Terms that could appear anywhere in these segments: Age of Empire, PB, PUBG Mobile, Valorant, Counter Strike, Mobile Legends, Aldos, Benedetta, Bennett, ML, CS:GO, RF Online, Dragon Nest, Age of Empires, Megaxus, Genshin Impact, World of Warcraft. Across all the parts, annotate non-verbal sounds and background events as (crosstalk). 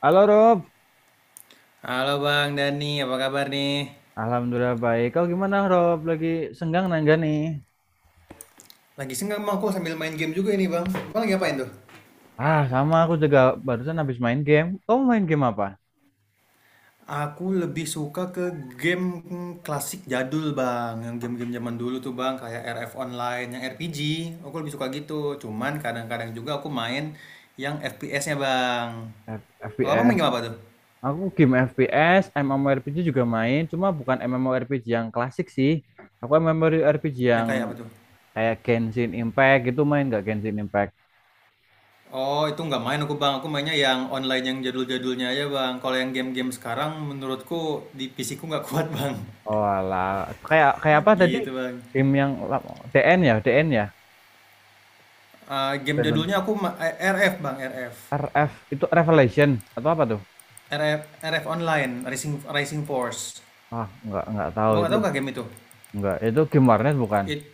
Halo Rob, Halo Bang Dani, apa kabar nih? Alhamdulillah baik. Kau gimana Rob? Lagi senggang nangga nih? Lagi senggang bang, aku sambil main game juga ini bang. Bang lagi ngapain tuh? Ah, sama aku juga barusan habis main game. Kau main game apa? Aku lebih suka ke game klasik jadul Bang, yang game-game zaman dulu tuh Bang, kayak RF Online, yang RPG. Aku lebih suka gitu. Cuman kadang-kadang juga aku main yang FPS-nya Bang. Kalau Abang FPS. main game apa tuh? Aku game FPS, MMORPG juga main, cuma bukan MMORPG yang klasik sih. Aku MMORPG Yang yang kayak apa tuh? kayak Genshin Impact gitu, main gak Genshin Impact? Oh, itu nggak main aku Bang. Aku mainnya yang online yang jadul-jadulnya aja Bang. Kalau yang game-game sekarang menurutku di PC ku nggak kuat Bang. Oh alah, kayak kayak apa (laughs) tadi? Gitu Bang. Game yang DN ya, DN ya? Game Dragon. jadulnya RF bang, RF RF itu Revelation atau apa tuh? RF RF online, Rising Rising Force, Ah, nggak tahu abang nggak itu. tahu kah game itu? Enggak, itu game warnet bukan. It-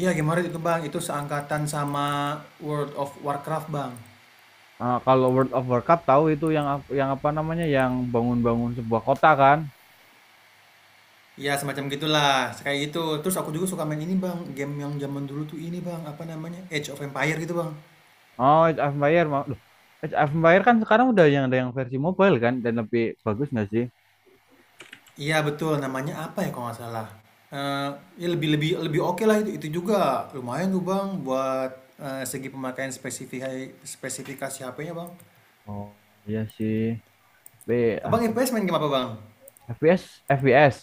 iya, game horror itu bang, itu seangkatan sama World of Warcraft bang. Ah, kalau World of Warcraft tahu itu, yang yang apa namanya, yang bangun-bangun sebuah kota kan? Ya semacam gitulah, kayak itu. Terus aku juga suka main ini bang, game yang zaman dulu tuh ini bang, apa namanya, Age of Empire gitu bang. Oh, Age of Empire mau. Loh, Age of Empire kan sekarang udah yang ada yang versi mobile kan, dan lebih bagus nggak sih? Iya betul, namanya apa ya kalau nggak salah. Eh, Ya lebih lebih lebih oke lah, itu juga lumayan tuh bang buat segi pemakaian spesifikasi spesifikasi HP-nya bang. Oh, iya sih. B Abang aku FPS main game apa Bang? FPS FPS.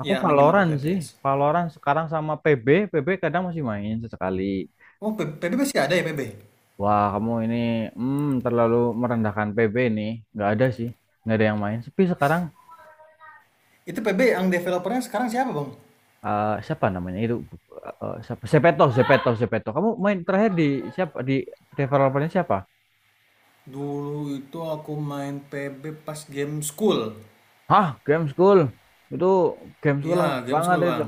Aku Iya main game apa Valorant tuh sih. FPS? Valorant sekarang sama PB. PB kadang masih main sesekali. Oh PB masih ada ya PB? Wah, kamu ini terlalu merendahkan PB nih. Nggak ada sih. Nggak ada yang main. Sepi sekarang. Itu PB yang developernya sekarang siapa Bang? Siapa namanya itu? Siapa? Sepeto Sepeto Sepeto, kamu main terakhir di siapa? Di developernya siapa? Dulu itu aku main PB pas game school. Hah, Game School itu. Game School lama Iya game banget school itu. Bang.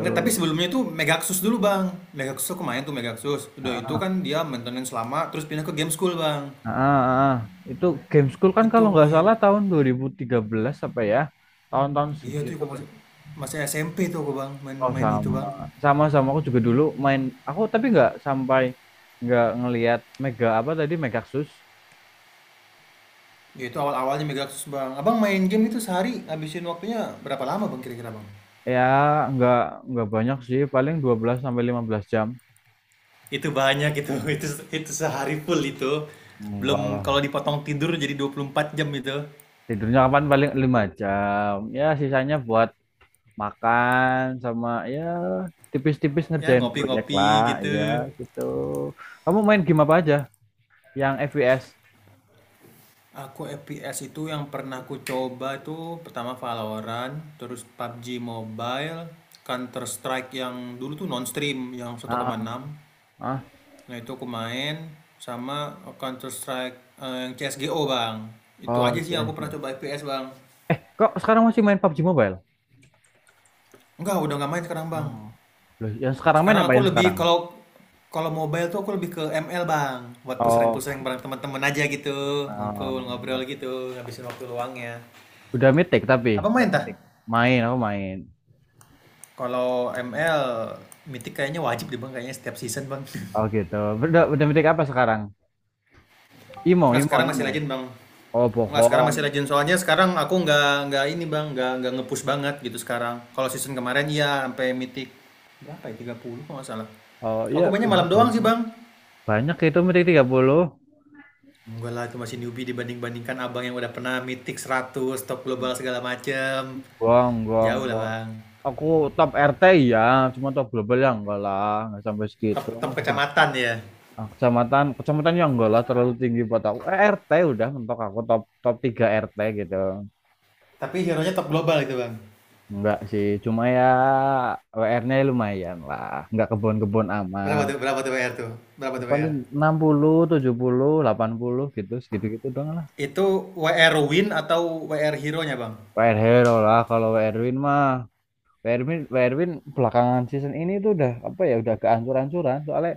Enggak, tapi sebelumnya itu Megaxus dulu Bang. Megaxus aku main tuh Megaxus. Udah itu ah, kan dia maintenance lama terus pindah ke game school Bang. ah, ah, ah. Itu Game School kan kalau Itu aku nggak main. salah tahun 2013 apa ya? Tahun-tahun Iya tuh segitu aku lah. masih SMP tuh aku Bang Oh main-main itu sama. Bang. Sama aku juga dulu main. Aku tapi nggak sampai, nggak ngelihat mega apa tadi, Megaxus. Ya itu awal-awalnya Megaxus Bang. Abang main game itu sehari habisin waktunya berapa lama Bang kira-kira Bang? Ya, nggak nggak banyak sih, paling 12 sampai 15 jam. Itu banyak itu. (laughs) Itu sehari full itu. Belum Enggak kalau lah. dipotong tidur jadi 24 jam itu. Tidurnya kapan, paling 5 jam. Ya sisanya buat makan, sama ya tipis-tipis Ya ngerjain proyek ngopi-ngopi lah. gitu. Iya gitu. Kamu main game apa aja? Yang FPS? Aku FPS itu yang pernah aku coba itu pertama Valorant, terus PUBG Mobile, Counter Strike yang dulu tuh non stream yang satu koma Ah, enam ah. Nah, itu aku main sama Counter Strike yang CS:GO, Bang. Itu Oh, aja sih yang CS. aku pernah coba FPS, Bang. Eh, kok sekarang masih main PUBG Mobile? Enggak, udah nggak main sekarang, Bang. Oh. Loh, yang sekarang main Sekarang apa, aku yang lebih sekarang? kalau kalau mobile tuh aku lebih ke ML Bang, buat Oh, pusreng-pusreng bareng teman-teman aja gitu, em, ngumpul ngobrol gitu, habisin waktu luangnya. udah mythic tapi Apa udah main tah? mythic. Main, aku main. Kalau ML Mythic kayaknya wajib deh Bang, kayaknya setiap season Bang. (laughs) Oh gitu. Udah mythic apa sekarang? Imo, Nggak, Imo, sekarang masih Imo. Legend Bang. Oh Nggak, sekarang masih bohong. Legend soalnya sekarang aku nggak ini Bang, nggak ngepush banget gitu sekarang. Kalau season kemarin iya sampai Mythic berapa ya 30 kalau nggak salah. Oh iya, Aku mainnya udah malam doang sih banyak. Bang. Banyak itu meeting 30. Enggak lah, itu masih newbie dibanding-bandingkan abang yang udah pernah mitik 100 top global segala macem. Gong, gong, Jauh lah gong. bang. Aku top RT ya, cuma top global ya enggak lah, enggak sampai Top, segitu. Aku top juga kecamatan ya. ah, kecamatan yang enggak lah terlalu tinggi buat aku. Eh, RT udah mentok aku, top top 3 RT gitu. Tapi hero-nya top global itu bang. Enggak sih, cuma ya WR-nya lumayan lah. Enggak kebon-kebon Berapa amat. tuh, berapa tuh WR tuh? Berapa Ya, tuh paling WR? 60, 70, 80 gitu, segitu-gitu doang lah. Itu WR win atau WR hero-nya bang? WR hero lah, kalau WR win mah. Werwin Werwin belakangan season ini tuh udah apa ya, udah kehancur ancuran, soalnya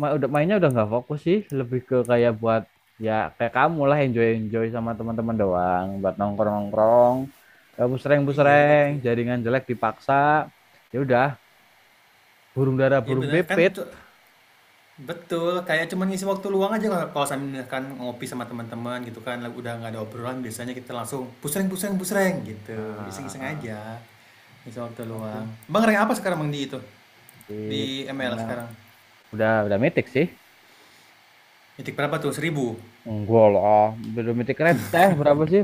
udah mainnya udah nggak fokus sih, lebih ke kayak buat ya kayak kamu lah, enjoy enjoy sama teman-teman doang, buat nongkrong nongkrong, busreng Iya busreng gitu ya. jaringan jelek dipaksa. Ya udah, burung dara Iya burung benar kan pipit. Betul, kayak cuman ngisi waktu luang aja kalau kalau sambil misalkan ngopi sama teman-teman gitu kan, lalu udah nggak ada obrolan biasanya kita langsung busreng busreng busreng gitu, Ah, ah, iseng-iseng ah. aja, ngisi waktu Sama sih luang. Bang rank apa sekarang Bang di itu? di Di ML emang sekarang? udah mitik sih. Titik berapa tuh? 1.000? Enggak lah, belum mitik receh, berapa sih,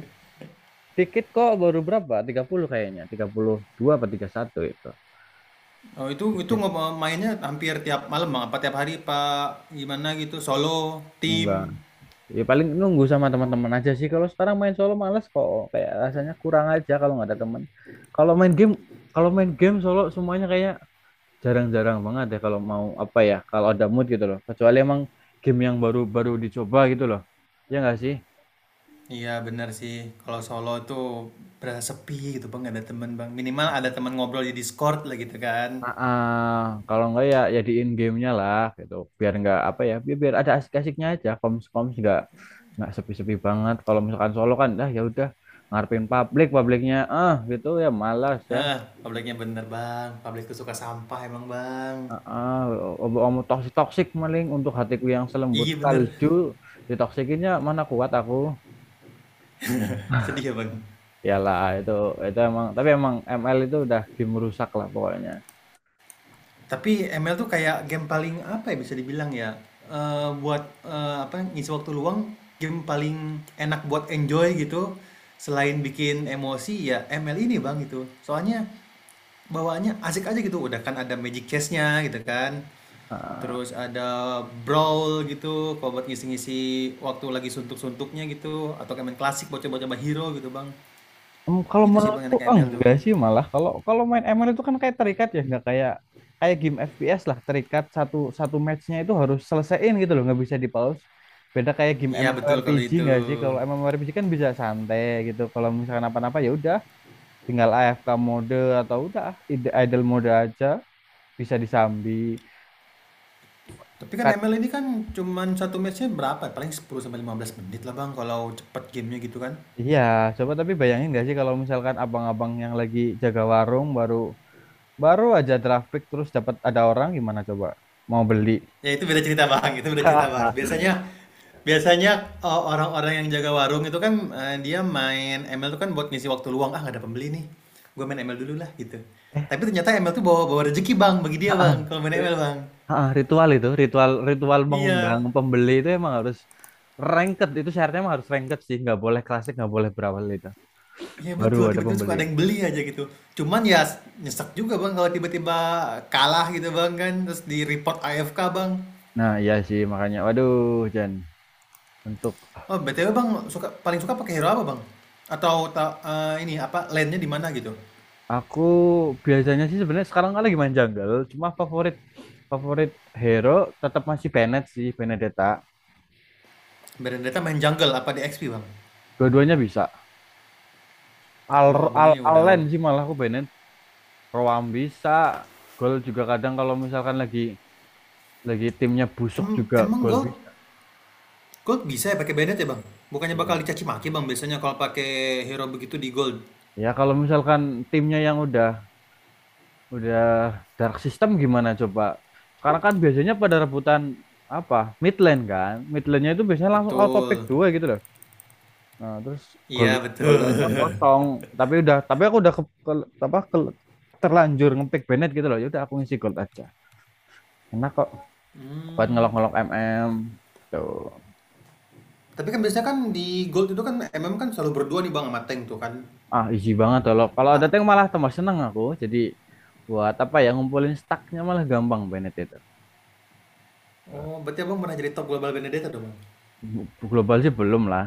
dikit kok, baru berapa, 30 kayaknya. 32 apa 31 itu. Oh itu mainnya hampir tiap malam Bang, apa tiap hari Pak? Gimana gitu, solo, tim? Enggak. Ya paling nunggu sama teman-teman aja sih. Kalau sekarang main solo males kok. Kayak rasanya kurang aja kalau nggak ada teman. Kalau main game, kalau main game solo semuanya, kayak jarang-jarang banget ya, kalau mau apa ya, kalau ada mood gitu loh. Kecuali emang game yang baru-baru dicoba gitu loh. Ya nggak sih? Iya bener sih, kalau solo tuh berasa sepi gitu Bang, nggak ada teman Bang. Minimal ada teman ngobrol di Discord lah gitu kan. Ah, ah. Kalau nggak ya di in gamenya lah gitu. Biar nggak apa ya, biar ada asik-asiknya aja. Koms-koms nggak sepi-sepi banget. Kalau misalkan solo kan, dah ya udah ngarepin publik, publiknya ah gitu ya, malas ya. Hah, publiknya bener bang. Publik tuh suka sampah emang bang. Ah, omonganmu toksik toksik, maling untuk hatiku yang selembut Iya bener. salju, ditoksikinnya mana kuat aku. Sedih ya bang. Yalah, itu emang, tapi emang ML itu udah game rusak lah pokoknya. Tapi ML tuh kayak game paling apa ya bisa dibilang ya. Buat apa, ngisi waktu luang, game paling enak buat enjoy gitu. Selain bikin emosi ya ML ini bang gitu. Soalnya bawaannya asik aja gitu. Udah kan ada magic chest-nya gitu kan. Ah, Terus ada brawl gitu, kalau buat ngisi-ngisi waktu lagi suntuk-suntuknya gitu, atau kayak main klasik buat coba-coba hero gitu bang. Kalau Itu sih Bang menurutku enak ML tuh. enggak sih, malah kalau kalau main ML itu kan kayak terikat ya, nggak kayak kayak game FPS lah, terikat satu satu matchnya itu harus selesaiin gitu loh, nggak bisa di pause. Beda kayak game Iya betul kalau MMORPG, itu. nggak sih? Kalau MMORPG kan bisa santai gitu, kalau misalkan apa-apa ya udah tinggal AFK mode, atau udah idle mode aja, bisa disambi. Tapi kan Kat- ML ini kan cuman satu matchnya berapa? Paling 10 sampai 15 menit lah Bang kalau cepet gamenya gitu kan. iya coba, tapi bayangin gak sih kalau misalkan abang-abang yang lagi jaga warung, baru baru aja draft pick terus dapat ada orang, gimana coba mau beli. Ya itu beda cerita Bang, itu beda cerita Bang. (laughs) Biasanya biasanya orang-orang yang jaga warung itu kan dia main ML tuh kan buat ngisi waktu luang. Ah, nggak ada pembeli nih. Gue main ML dulu lah gitu. Eh, Tapi ternyata ML tuh bawa bawa rezeki Bang bagi dia ah, Bang kalau main ri- ML Bang. ah, ritual itu, ritual ritual mengundang Iya. pembeli itu, emang harus ranked, itu syaratnya emang harus ranked sih, nggak boleh klasik, nggak boleh berawal itu. Iya Baru betul, ada tiba-tiba suka pembeli. ada yang beli aja gitu. Cuman ya nyesek juga Bang kalau tiba-tiba kalah gitu Bang kan, terus di-report AFK Bang. Nah iya sih, makanya waduh. Jan untuk. Oh BTW Bang, suka paling suka pakai hero apa Bang? Atau ini apa lane-nya di mana gitu? Aku biasanya sih sebenarnya sekarang kan lagi main jungle, cuma favorit favorit hero tetap masih Bennett sih, Benedetta. Berendata main jungle apa di XP Bang? Dua-duanya bisa. Al Wah Bang Al ini udah, Allen udah. sih malah aku Bennett, Roam bisa, gol juga kadang, kalau misalkan lagi timnya busuk Em- juga emang gol gold bisa. gold bisa ya pakai Bennett ya Bang? Bukannya bakal Ya. dicaci maki Bang biasanya kalau pakai hero begitu di gold. Ya kalau misalkan timnya yang udah dark system gimana coba? Sekarang kan biasanya pada rebutan apa? Mid lane kan. Mid lane-nya itu biasanya langsung auto pick Betul. dua gitu loh. Nah, terus gol Iya betul. gol lainnya kosong, (laughs) tapi udah, tapi aku udah terlanjur ngepick Bennett gitu loh. Ya udah, aku ngisi gol aja. Enak kok buat Hmm, ngelok-ngelok MM. Tuh. Tapi kan biasanya kan di Gold itu kan MM kan selalu berdua nih Bang sama Tank tuh kan. Ah, easy banget loh. Kalau ada Ah, tank malah tambah seneng aku. Jadi buat apa ya, ngumpulin stacknya malah gampang Bennett itu. oh, berarti Abang pernah jadi top global Benedetta dong Bang? Global sih belum lah.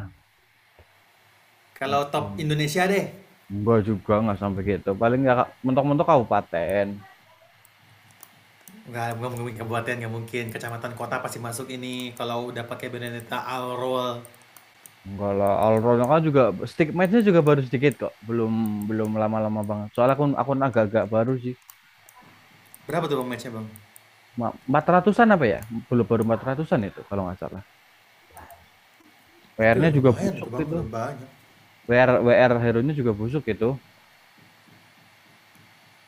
Kalau top Indonesia deh. Enggak juga, nggak sampai gitu. Paling nggak mentok-mentok kabupaten. Enggak mungkin kabupaten nggak mungkin. Kecamatan kota pasti masuk ini. Kalau udah pakai Benedetta all roll. Enggak lah, Alron kan juga stick match-nya juga baru sedikit kok. Belum belum lama-lama banget. Soalnya akun akun agak-agak baru sih. Berapa tuh Bang match-nya Bang? Cuma 400-an apa ya? Belum, baru 400-an itu kalau nggak salah. Itu WR-nya udah juga lumayan busuk itu Bang, gitu. udah banyak. WR WR hero-nya juga busuk gitu.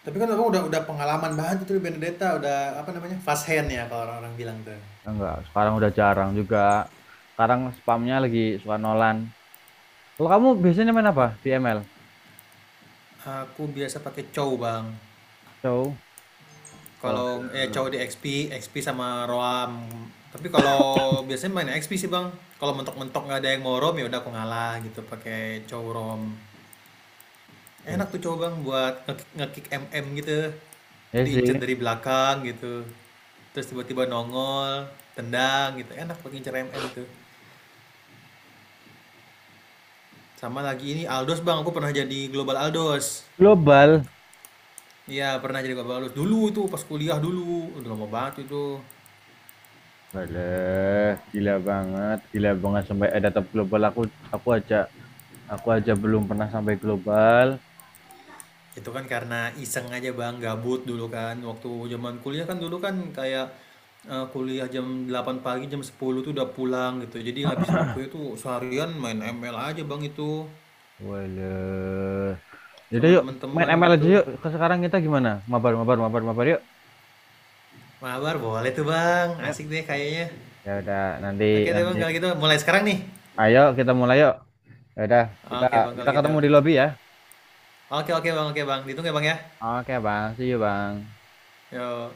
Tapi kan Abang udah pengalaman banget itu di Benedetta, udah apa namanya? Fast hand ya kalau orang-orang bilang tuh. Enggak, sekarang udah jarang juga. Sekarang spamnya lagi suka nolan. Kalau kamu biasanya main apa di ML? Aku biasa pakai cow Bang. Cow. Wah. Kalau cowok di XP, XP sama Roam. Tapi kalau biasanya main XP sih bang. Kalau mentok-mentok nggak ada yang mau Roam ya udah aku ngalah gitu pakai cowok Roam. Enak tuh cowok bang buat nge-kick MM gitu. Ya Jadi incer sih. dari belakang gitu. Terus tiba-tiba nongol, tendang gitu. Enak buat ngincer MM tuh. Sama lagi ini Aldos bang, aku pernah jadi global Aldos. Global. Iya pernah jadi global Aldos dulu tuh pas kuliah dulu. Udah lama banget itu. Waduh, gila banget sampai ada tab global. Aku aku aja Aku aja belum pernah sampai global. Itu kan karena iseng aja Bang, gabut dulu kan. Waktu zaman kuliah kan dulu kan kayak, kuliah jam 8 pagi, jam 10 tuh udah pulang gitu. Jadi ngabisin waktunya tuh seharian main ML aja Bang itu, Waduh. Yaudah sama yuk, main teman-teman ML aja gitu. yuk. Sekarang kita gimana? Mabar, mabar, mabar, mabar yuk. Mabar boleh tuh Bang, Yuk. asik deh kayaknya. Ya udah, nanti Oke deh Bang nanti. kalau gitu mulai sekarang nih? Ayo kita mulai yuk. Ya udah, kita Oke Bang kita kalau gitu. ketemu di lobby ya. Oke, oke Bang, oke Bang, ditunggu ya Bang ya? Oke, Bang. See you, Bang. Yok.